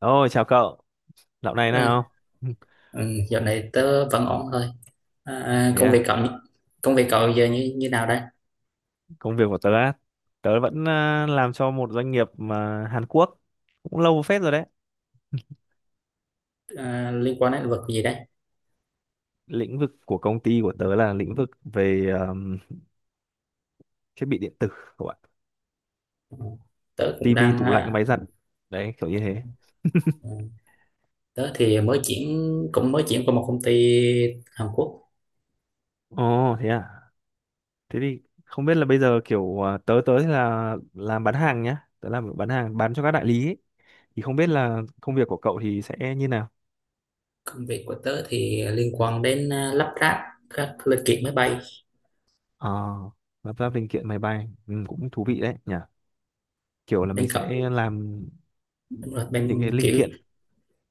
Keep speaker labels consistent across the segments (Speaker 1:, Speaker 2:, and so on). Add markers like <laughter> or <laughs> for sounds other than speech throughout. Speaker 1: Ôi chào cậu, dạo này
Speaker 2: Ừ,
Speaker 1: nào? <laughs>
Speaker 2: ừ, dạo này tớ vẫn ổn thôi. À, à,
Speaker 1: Thế
Speaker 2: công việc
Speaker 1: à,
Speaker 2: cậu Công việc cậu giờ như như nào đây?
Speaker 1: công việc của tớ á, tớ vẫn làm cho một doanh nghiệp mà Hàn Quốc cũng lâu phết rồi đấy.
Speaker 2: À, liên quan đến lĩnh vực gì đây?
Speaker 1: Lĩnh vực của công ty của tớ là lĩnh vực về thiết bị điện tử các bạn,
Speaker 2: Tớ cũng
Speaker 1: tivi,
Speaker 2: đang
Speaker 1: tủ lạnh,
Speaker 2: à,
Speaker 1: máy giặt. Đấy, kiểu như thế.
Speaker 2: ừ, Tớ thì mới chuyển cũng mới chuyển qua một công ty Hàn Quốc.
Speaker 1: Ồ, thế à. Thế thì không biết là bây giờ tớ tớ thì là làm bán hàng nhá, tớ làm bán hàng bán cho các đại lý ấy. Thì không biết là công việc của cậu thì sẽ như nào?
Speaker 2: Công việc của tớ thì liên quan đến lắp ráp các linh kiện máy bay.
Speaker 1: Ờ, lập ra linh kiện máy bay, ừ, cũng thú vị đấy nhỉ. Kiểu là
Speaker 2: Bên
Speaker 1: mình
Speaker 2: cậu
Speaker 1: sẽ làm
Speaker 2: Đúng rồi,
Speaker 1: những cái
Speaker 2: bên
Speaker 1: linh
Speaker 2: kiểu
Speaker 1: kiện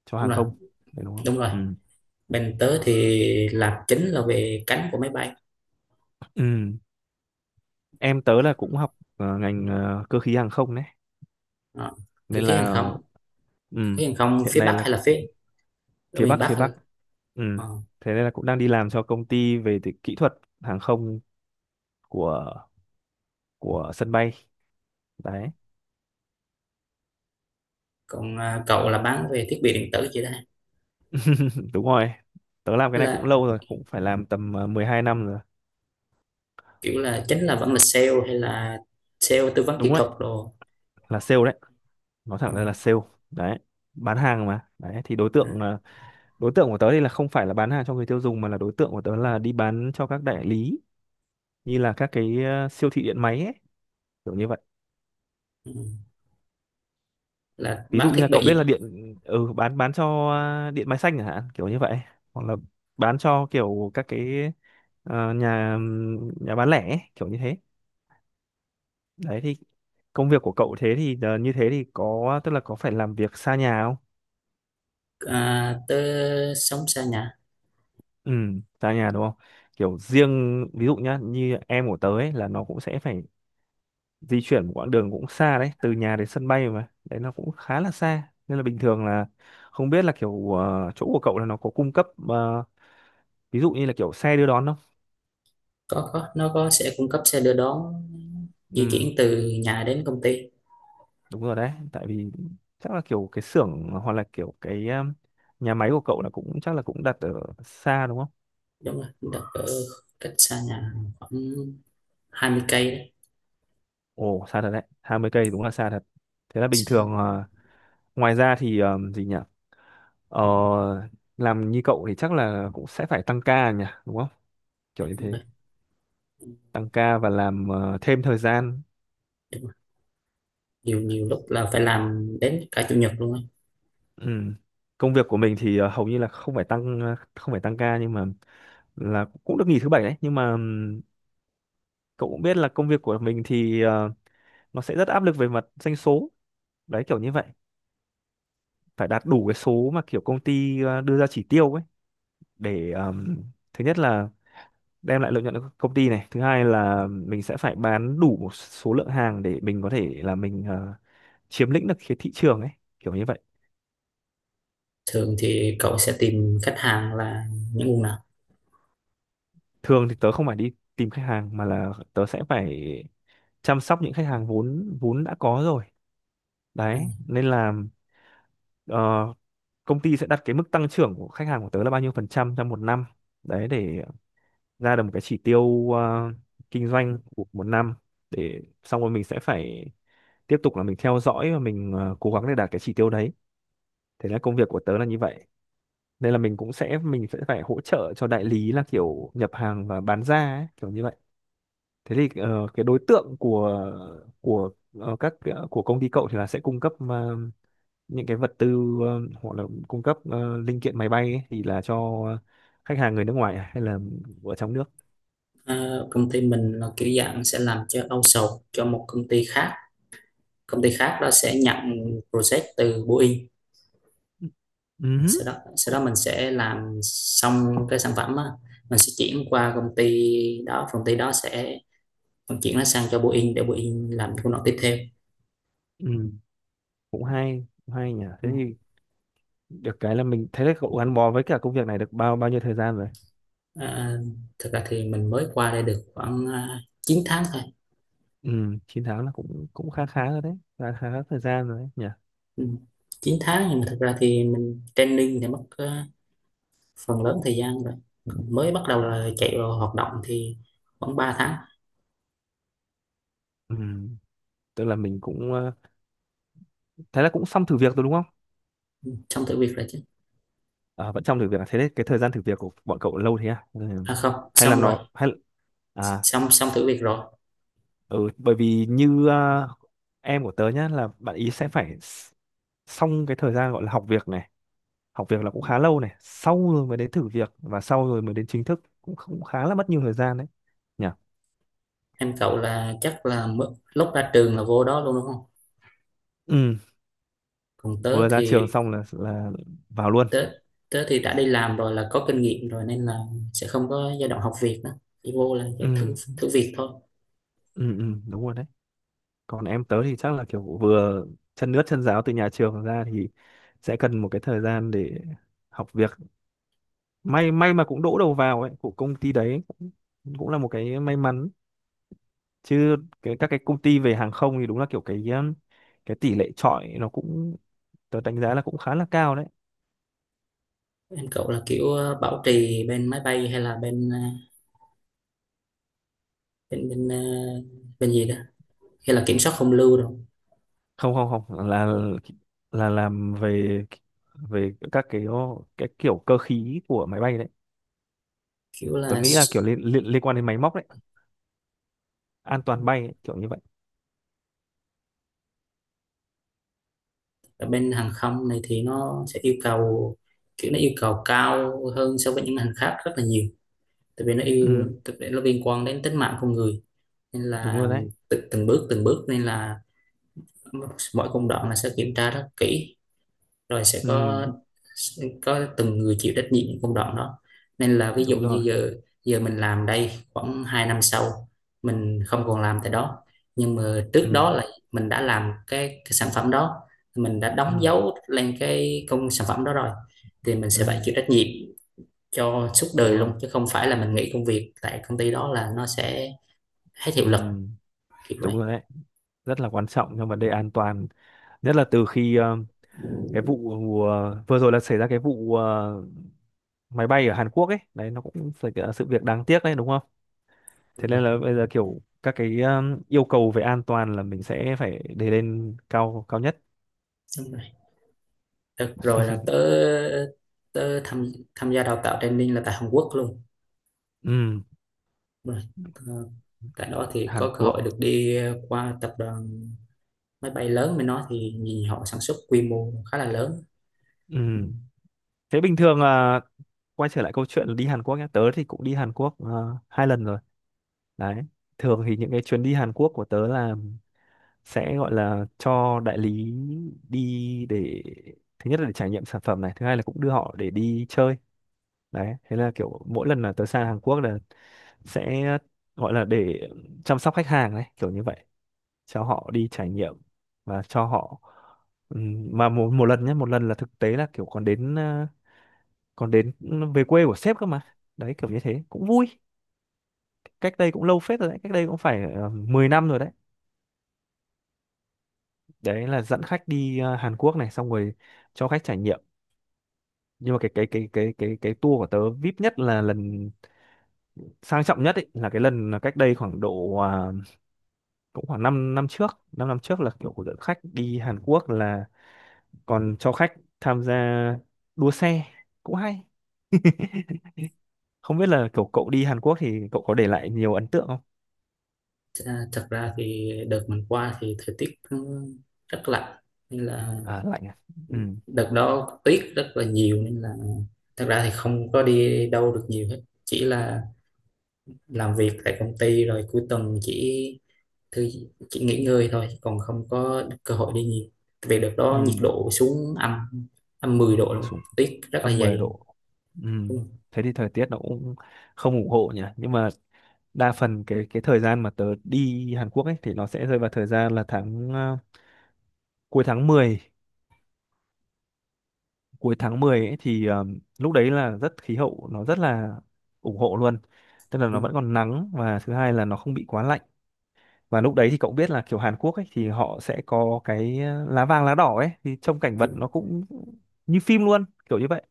Speaker 1: cho
Speaker 2: đúng
Speaker 1: hàng
Speaker 2: rồi,
Speaker 1: không phải đúng không,
Speaker 2: đúng rồi.
Speaker 1: ừ.
Speaker 2: Bên tớ thì làm chính là về cánh của máy bay.
Speaker 1: Ừ. Em tớ là cũng học ngành cơ khí hàng không đấy
Speaker 2: Ờ, cơ
Speaker 1: nên
Speaker 2: khí hàng
Speaker 1: là
Speaker 2: không, cơ
Speaker 1: ừ.
Speaker 2: khí hàng không
Speaker 1: Hiện
Speaker 2: phía
Speaker 1: nay
Speaker 2: Bắc
Speaker 1: là
Speaker 2: hay là ở
Speaker 1: phía
Speaker 2: miền
Speaker 1: Bắc phía
Speaker 2: Bắc?
Speaker 1: Bắc, ừ.
Speaker 2: Ờ.
Speaker 1: Thế nên là cũng đang đi làm cho công ty về thì kỹ thuật hàng không của sân bay đấy.
Speaker 2: Còn cậu là bán về thiết bị điện tử chị ta
Speaker 1: <laughs> Đúng rồi, tớ làm cái này cũng
Speaker 2: là
Speaker 1: lâu rồi, cũng phải làm tầm 12 năm rồi.
Speaker 2: kiểu là chính là vẫn là sale hay là sale tư vấn kỹ
Speaker 1: Đúng đấy,
Speaker 2: thuật đồ.
Speaker 1: là sale đấy, nói
Speaker 2: Ừ.
Speaker 1: thẳng ra là sale đấy, bán hàng mà đấy. Thì đối
Speaker 2: Ừ,
Speaker 1: tượng đối tượng của tớ thì là không phải là bán hàng cho người tiêu dùng, mà là đối tượng của tớ là đi bán cho các đại lý, như là các cái siêu thị điện máy ấy, kiểu như vậy.
Speaker 2: ừ. Là
Speaker 1: Ví
Speaker 2: bán
Speaker 1: dụ như
Speaker 2: thiết
Speaker 1: là cậu biết là
Speaker 2: bị.
Speaker 1: điện, ừ, bán cho điện máy xanh chẳng hạn, kiểu như vậy, hoặc là bán cho kiểu các cái nhà nhà bán lẻ ấy, kiểu như thế. Đấy thì công việc của cậu thế thì như thế thì có, tức là có phải làm việc xa nhà không?
Speaker 2: Tới sống xa nhà.
Speaker 1: Ừ, xa nhà đúng không? Kiểu riêng ví dụ nhá, như em của tớ ấy, là nó cũng sẽ phải di chuyển một quãng đường cũng xa đấy, từ nhà đến sân bay mà đấy nó cũng khá là xa, nên là bình thường là không biết là kiểu chỗ của cậu là nó có cung cấp ví dụ như là kiểu xe đưa đón không?
Speaker 2: Có, nó có sẽ cung cấp xe đưa đón di chuyển
Speaker 1: Ừ,
Speaker 2: từ nhà đến công ty.
Speaker 1: đúng rồi đấy, tại vì chắc là kiểu cái xưởng hoặc là kiểu cái nhà máy của cậu là cũng chắc là cũng đặt ở xa đúng không?
Speaker 2: Đúng rồi, đặt ở cách xa nhà khoảng 20 cây đấy.
Speaker 1: Ồ, xa thật đấy, 20 cây đúng là xa thật. Thế là bình
Speaker 2: Xa nhà,
Speaker 1: thường ngoài ra thì gì nhỉ, ờ, làm như cậu thì chắc là cũng sẽ phải tăng ca nhỉ, đúng không, kiểu
Speaker 2: cách
Speaker 1: như
Speaker 2: công ty.
Speaker 1: thế, tăng ca và làm thêm thời gian.
Speaker 2: Đúng rồi. Nhiều nhiều lúc là phải làm đến cả chủ nhật luôn á.
Speaker 1: Ừ. Công việc của mình thì hầu như là không phải không phải tăng ca, nhưng mà là cũng được nghỉ thứ bảy đấy, nhưng mà cậu cũng biết là công việc của mình thì nó sẽ rất áp lực về mặt doanh số đấy, kiểu như vậy, phải đạt đủ cái số mà kiểu công ty đưa ra chỉ tiêu ấy, để thứ nhất là đem lại lợi nhuận cho công ty này, thứ hai là mình sẽ phải bán đủ một số lượng hàng để mình có thể là mình chiếm lĩnh được cái thị trường ấy, kiểu như vậy.
Speaker 2: Thường thì cậu sẽ tìm khách hàng là những nguồn nào?
Speaker 1: Thường thì tớ không phải đi tìm khách hàng mà là tớ sẽ phải chăm sóc những khách hàng vốn vốn đã có rồi, đấy nên là ờ, công ty sẽ đặt cái mức tăng trưởng của khách hàng của tớ là bao nhiêu phần trăm trong một năm, đấy để ra được một cái chỉ tiêu kinh doanh của một năm, để xong rồi mình sẽ phải tiếp tục là mình theo dõi và mình cố gắng để đạt cái chỉ tiêu đấy. Thế là công việc của tớ là như vậy, nên là mình cũng sẽ mình sẽ phải hỗ trợ cho đại lý là kiểu nhập hàng và bán ra ấy, kiểu như vậy. Thế thì cái đối tượng của ờ, các của công ty cậu thì là sẽ cung cấp những cái vật tư, hoặc là cung cấp linh kiện máy bay ấy, thì là cho khách hàng người nước ngoài à, hay là ở trong nước?
Speaker 2: Ờ, công ty mình là kiểu dạng sẽ làm cho outsource cho một công ty khác. Công ty khác đó sẽ nhận project từ Boeing.
Speaker 1: Ừ. Ừm.
Speaker 2: sau đó sau
Speaker 1: Cũng
Speaker 2: đó mình sẽ làm xong cái sản phẩm á. Mình sẽ chuyển qua công ty đó. Công ty đó sẽ vận chuyển nó sang cho Boeing để Boeing làm công đoạn tiếp theo.
Speaker 1: ừ. Cũng hay nhỉ.
Speaker 2: Ừ.
Speaker 1: Thế thì được cái là mình thấy là cậu gắn bó với cả công việc này được bao bao nhiêu thời gian rồi?
Speaker 2: à, Thật ra thì mình mới qua đây được khoảng 9 tháng thôi.
Speaker 1: Ừ, 9 tháng là cũng cũng khá khá rồi đấy, khá khá thời gian rồi đấy nhỉ.
Speaker 2: Ừ. 9 tháng nhưng mà thật ra thì mình training thì mất phần lớn thời gian rồi. Còn mới bắt đầu là chạy vào hoạt động thì khoảng 3 tháng.
Speaker 1: Ừ. Tức là mình cũng thấy là cũng xong thử việc rồi đúng không?
Speaker 2: Xong thử việc rồi chứ.
Speaker 1: À, vẫn trong thử việc à? Thế đấy cái thời gian thử việc của bọn cậu lâu thế à? Ừ.
Speaker 2: À, không,
Speaker 1: Hay là
Speaker 2: xong rồi.
Speaker 1: nó hay, à,
Speaker 2: Xong xong thử việc rồi.
Speaker 1: ừ, bởi vì như em của tớ nhá, là bạn ý sẽ phải xong cái thời gian gọi là học việc này, học việc là cũng khá lâu này, sau rồi mới đến thử việc và sau rồi mới đến chính thức, cũng cũng khá là mất nhiều thời gian đấy nhỉ.
Speaker 2: Em cậu là chắc là lúc ra trường là vô đó luôn đúng không?
Speaker 1: Ừ,
Speaker 2: còn tớ
Speaker 1: vừa ra trường
Speaker 2: thì
Speaker 1: xong là vào luôn.
Speaker 2: tớ tớ thì đã đi làm rồi là có kinh nghiệm rồi, nên là sẽ không có giai đoạn học việc nữa, chỉ vô là sẽ
Speaker 1: Ừ,
Speaker 2: thử thử việc thôi.
Speaker 1: ừ, ừ, đúng rồi đấy. Còn em tớ thì chắc là kiểu vừa chân ướt chân ráo từ nhà trường ra thì sẽ cần một cái thời gian để học việc, may may mà cũng đỗ đầu vào ấy của công ty, đấy cũng cũng là một cái may mắn, chứ cái, các cái công ty về hàng không thì đúng là kiểu cái tỷ lệ chọi nó cũng, tớ đánh giá là cũng khá là cao đấy.
Speaker 2: Em cậu là kiểu bảo trì bên máy bay hay là bên bên bên ờ, bên gì đó, hay là kiểm soát không lưu rồi?
Speaker 1: Không không không, là là làm về về các cái kiểu cơ khí của máy bay đấy,
Speaker 2: kiểu
Speaker 1: tớ
Speaker 2: là
Speaker 1: nghĩ là
Speaker 2: s-
Speaker 1: kiểu liên liên, liên quan đến máy móc đấy, an toàn bay ấy, kiểu như vậy.
Speaker 2: Ở bên hàng không này thì nó sẽ yêu cầu kiểu nó yêu cầu cao hơn so với những ngành khác rất là nhiều,
Speaker 1: Ừ,
Speaker 2: tại vì nó liên quan đến tính mạng con người, nên
Speaker 1: đúng rồi
Speaker 2: là
Speaker 1: đấy.
Speaker 2: từng bước từng bước, nên là mọi công đoạn là sẽ kiểm tra rất kỹ, rồi sẽ
Speaker 1: Ừ,
Speaker 2: có từng người chịu trách nhiệm những công đoạn đó. Nên là ví dụ
Speaker 1: đúng rồi.
Speaker 2: như giờ giờ mình làm đây khoảng 2 năm sau mình không còn làm tại đó, nhưng mà
Speaker 1: Ừ.
Speaker 2: trước đó là mình đã làm cái sản phẩm đó. Mình đã đóng
Speaker 1: Ừ.
Speaker 2: dấu lên cái công sản phẩm đó rồi, thì mình
Speaker 1: Ừ,
Speaker 2: sẽ phải chịu trách nhiệm cho suốt
Speaker 1: đúng
Speaker 2: đời luôn,
Speaker 1: rồi.
Speaker 2: chứ không phải là mình nghỉ công việc tại công ty đó là nó sẽ hết hiệu
Speaker 1: Ừ,
Speaker 2: lực, kiểu vậy.
Speaker 1: đúng rồi đấy, rất là quan trọng trong vấn đề an toàn, nhất là từ khi cái vụ vừa rồi là xảy ra cái vụ máy bay ở Hàn Quốc ấy đấy, nó cũng phải là sự việc đáng tiếc đấy đúng không? Thế
Speaker 2: Đúng
Speaker 1: nên
Speaker 2: rồi,
Speaker 1: là bây giờ kiểu các cái yêu cầu về an toàn là mình sẽ phải để lên cao cao nhất.
Speaker 2: đúng rồi. Được rồi là tớ tớ tham tham gia đào tạo training là tại Hàn Quốc luôn.
Speaker 1: Ừ.
Speaker 2: Rồi. ờ, Tại đó thì
Speaker 1: Hàn
Speaker 2: có cơ
Speaker 1: Quốc.
Speaker 2: hội được đi qua tập đoàn máy bay lớn bên đó, thì nhìn họ sản xuất quy mô khá là lớn.
Speaker 1: Ừ, thế bình thường là quay trở lại câu chuyện đi Hàn Quốc nhé, tớ thì cũng đi Hàn Quốc 2 lần rồi. Đấy. Thường thì những cái chuyến đi Hàn Quốc của tớ là sẽ gọi là cho đại lý đi, để thứ nhất là để trải nghiệm sản phẩm này, thứ hai là cũng đưa họ để đi chơi. Đấy, thế là kiểu mỗi lần là tớ sang Hàn Quốc là sẽ gọi là để chăm sóc khách hàng đấy, kiểu như vậy, cho họ đi trải nghiệm và cho họ, mà một, một lần nhé, một lần là thực tế là kiểu còn đến còn đến về quê của sếp cơ mà. Đấy kiểu như thế, cũng vui. Cách đây cũng lâu phết rồi đấy, cách đây cũng phải 10 năm rồi đấy. Đấy là dẫn khách đi Hàn Quốc này, xong rồi cho khách trải nghiệm, nhưng mà cái tour của tớ VIP nhất là lần sang trọng nhất ấy, là cái lần là cách đây khoảng độ cũng khoảng 5 năm, năm trước là kiểu của dẫn khách đi Hàn Quốc là còn cho khách tham gia đua xe, cũng hay. Không biết là kiểu cậu đi Hàn Quốc thì cậu có để lại nhiều ấn tượng không?
Speaker 2: Thật ra thì đợt mình qua thì thời tiết rất lạnh, nên là
Speaker 1: À, lạnh à, ừ.
Speaker 2: đợt đó tuyết rất là nhiều, nên là thật ra thì không có đi đâu được nhiều hết. Chỉ là làm việc tại công ty, rồi cuối tuần chỉ thứ chỉ nghỉ ngơi thôi, còn không có cơ hội đi nhiều, vì đợt
Speaker 1: Ừ,
Speaker 2: đó nhiệt độ xuống âm -10 độ luôn.
Speaker 1: xuống
Speaker 2: Tuyết rất là
Speaker 1: -10
Speaker 2: dày
Speaker 1: độ. Ừ,
Speaker 2: luôn.
Speaker 1: thế thì thời tiết nó cũng không ủng hộ nhỉ, nhưng mà đa phần cái thời gian mà tớ đi Hàn Quốc ấy thì nó sẽ rơi vào thời gian là tháng cuối tháng mười, cuối tháng 10 ấy thì lúc đấy là rất khí hậu nó rất là ủng hộ luôn, tức là nó vẫn còn nắng và thứ hai là nó không bị quá lạnh, và lúc đấy thì cậu biết là kiểu Hàn Quốc ấy thì họ sẽ có cái lá vàng lá đỏ ấy, thì trông cảnh vật nó cũng như phim luôn, kiểu như vậy.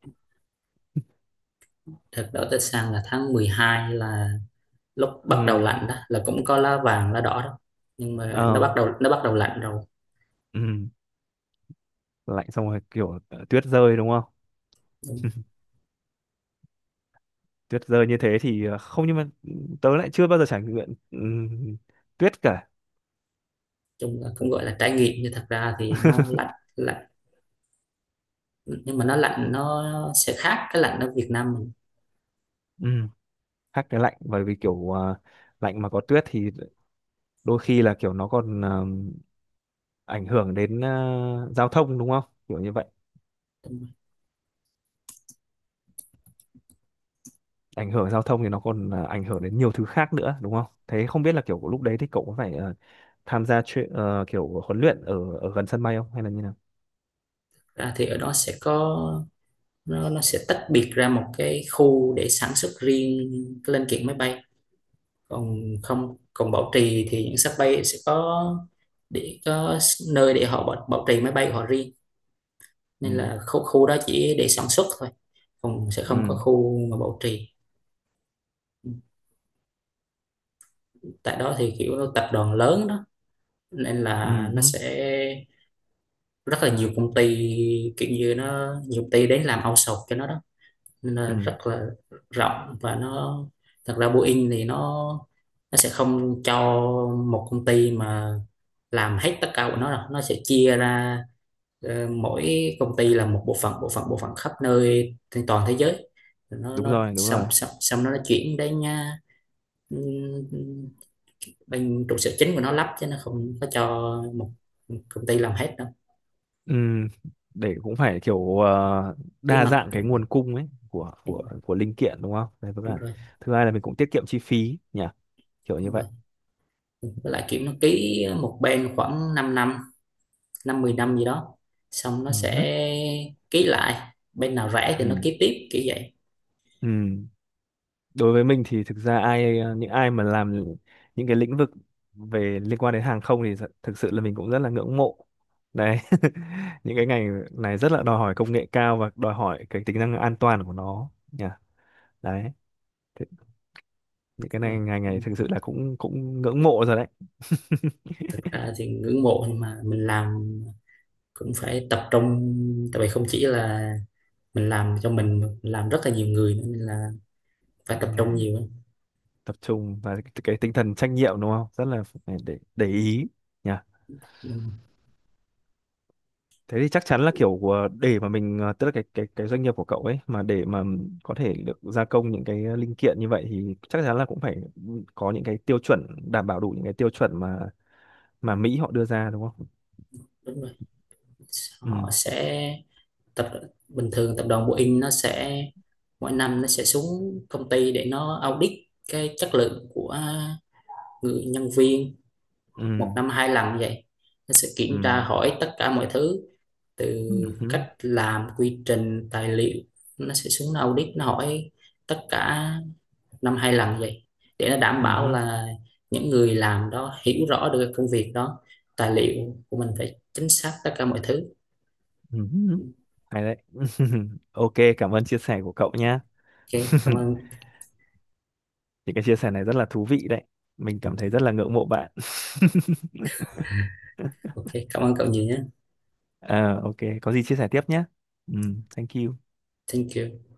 Speaker 2: Thật đó, tới sang là tháng 12, là lúc bắt đầu
Speaker 1: Ừ.
Speaker 2: lạnh đó, là cũng có lá vàng lá đỏ đó, nhưng mà
Speaker 1: Ờ.
Speaker 2: nó bắt đầu lạnh rồi.
Speaker 1: Ừ, lạnh xong rồi kiểu tuyết rơi đúng không?
Speaker 2: Đúng rồi.
Speaker 1: Tuyết rơi như thế thì không, nhưng mà tớ lại chưa bao giờ trải nghiệm tuyết cả.
Speaker 2: Chung là cũng gọi là trải nghiệm, nhưng thật ra thì nó lạnh lạnh, nhưng mà nó lạnh nó sẽ khác cái lạnh ở Việt Nam mình.
Speaker 1: Ừm, khác cái lạnh bởi vì kiểu lạnh mà có tuyết thì đôi khi là kiểu nó còn ảnh hưởng đến giao thông đúng không, kiểu như vậy,
Speaker 2: Đúng rồi.
Speaker 1: ảnh hưởng giao thông thì nó còn ảnh hưởng đến nhiều thứ khác nữa đúng không? Thế không biết là kiểu lúc đấy thì cậu có phải tham gia chuyện kiểu huấn luyện ở ở gần sân bay không hay là như nào?
Speaker 2: Ra thì ở đó sẽ có, rồi nó sẽ tách biệt ra một cái khu để sản xuất riêng cái linh kiện máy bay, còn không, còn bảo trì thì những sắp bay sẽ có để có nơi để họ bảo trì máy bay của họ riêng, nên
Speaker 1: Ừm.
Speaker 2: là khu khu đó chỉ để sản xuất thôi, còn sẽ không có
Speaker 1: Ừm.
Speaker 2: khu mà bảo trì. Tại đó thì kiểu tập đoàn lớn đó, nên là
Speaker 1: Ừm.
Speaker 2: nó
Speaker 1: Hứ.
Speaker 2: sẽ rất là nhiều công ty, kiểu như nó nhiều công ty đến làm outsource cho nó đó, nên là
Speaker 1: Ừm.
Speaker 2: rất là rộng, và nó thật ra Boeing thì nó sẽ không cho một công ty mà làm hết tất cả của nó đâu, nó sẽ chia ra, mỗi công ty là một bộ phận khắp nơi trên toàn thế giới. Rồi nó
Speaker 1: Đúng
Speaker 2: nó
Speaker 1: rồi, đúng
Speaker 2: xong
Speaker 1: rồi.
Speaker 2: xong, xong nó chuyển đến nha, ừm, bên trụ sở chính của nó lắp, chứ nó không có cho một công ty làm hết đâu.
Speaker 1: Ừ, để cũng phải kiểu
Speaker 2: Bí
Speaker 1: đa dạng
Speaker 2: mật.
Speaker 1: cái nguồn cung ấy của
Speaker 2: Đúng
Speaker 1: của
Speaker 2: rồi,
Speaker 1: của linh kiện đúng không? Đấy vẫn
Speaker 2: đúng
Speaker 1: là,
Speaker 2: rồi,
Speaker 1: thứ hai là mình cũng tiết kiệm chi phí nhỉ, kiểu như
Speaker 2: đúng rồi.
Speaker 1: vậy.
Speaker 2: Với lại kiểu nó ký một bên khoảng 5 năm, năm 10 năm gì đó, xong nó
Speaker 1: Ừ.
Speaker 2: sẽ ký lại bên nào rẻ thì nó
Speaker 1: Ừ.
Speaker 2: ký tiếp, kiểu vậy.
Speaker 1: Ừ. Đối với mình thì thực ra ai những ai mà làm những cái lĩnh vực về liên quan đến hàng không thì thực sự là mình cũng rất là ngưỡng mộ. Đấy. <laughs> Những cái ngành này rất là đòi hỏi công nghệ cao và đòi hỏi cái tính năng an toàn của nó nhỉ. Đấy. Thế- Những cái
Speaker 2: Rồi.
Speaker 1: này ngành này thực sự là cũng cũng ngưỡng mộ rồi đấy.
Speaker 2: Thực ra thì ngưỡng mộ, nhưng mà mình làm cũng phải tập trung, tại vì không chỉ là mình làm cho mình mà mình làm rất là nhiều người nữa, nên là phải
Speaker 1: Ừ.
Speaker 2: tập trung nhiều.
Speaker 1: Tập trung và cái tinh thần trách nhiệm đúng không, rất là phải để ý nhỉ. Thế thì chắc chắn là để mà mình tức là cái cái doanh nghiệp của cậu ấy, mà để mà có thể được gia công những cái linh kiện như vậy thì chắc chắn là cũng phải có những cái tiêu chuẩn, đảm bảo đủ những cái tiêu chuẩn mà Mỹ họ đưa ra đúng không?
Speaker 2: Đúng rồi.
Speaker 1: Ừ.
Speaker 2: Họ sẽ tập bình thường tập đoàn Boeing nó sẽ mỗi năm nó sẽ xuống công ty để nó audit cái chất lượng của người nhân viên,
Speaker 1: Ừ.
Speaker 2: một năm 2 lần như vậy. Nó sẽ kiểm
Speaker 1: Ừ.
Speaker 2: tra hỏi tất cả mọi thứ, từ
Speaker 1: Ừ.
Speaker 2: cách
Speaker 1: Ừ.
Speaker 2: làm, quy trình, tài liệu. Nó sẽ xuống audit, nó hỏi tất cả, năm 2 lần như vậy, để nó đảm bảo
Speaker 1: Ừ.
Speaker 2: là những người làm đó hiểu rõ được công việc đó, tài liệu của mình phải chính xác tất cả mọi thứ.
Speaker 1: Ừ. Ừ. Hay đấy. <laughs> Ok, cảm ơn chia sẻ của cậu nhá.
Speaker 2: Ok,
Speaker 1: <laughs>
Speaker 2: cảm ơn.
Speaker 1: Những cái chia sẻ này rất là thú vị đấy, mình cảm thấy rất là ngưỡng mộ bạn. <laughs>
Speaker 2: Ok, cảm ơn cậu nhiều nhé.
Speaker 1: Ờ, ok, có gì chia sẻ tiếp nhé. Ừ, thank you.
Speaker 2: Thank you.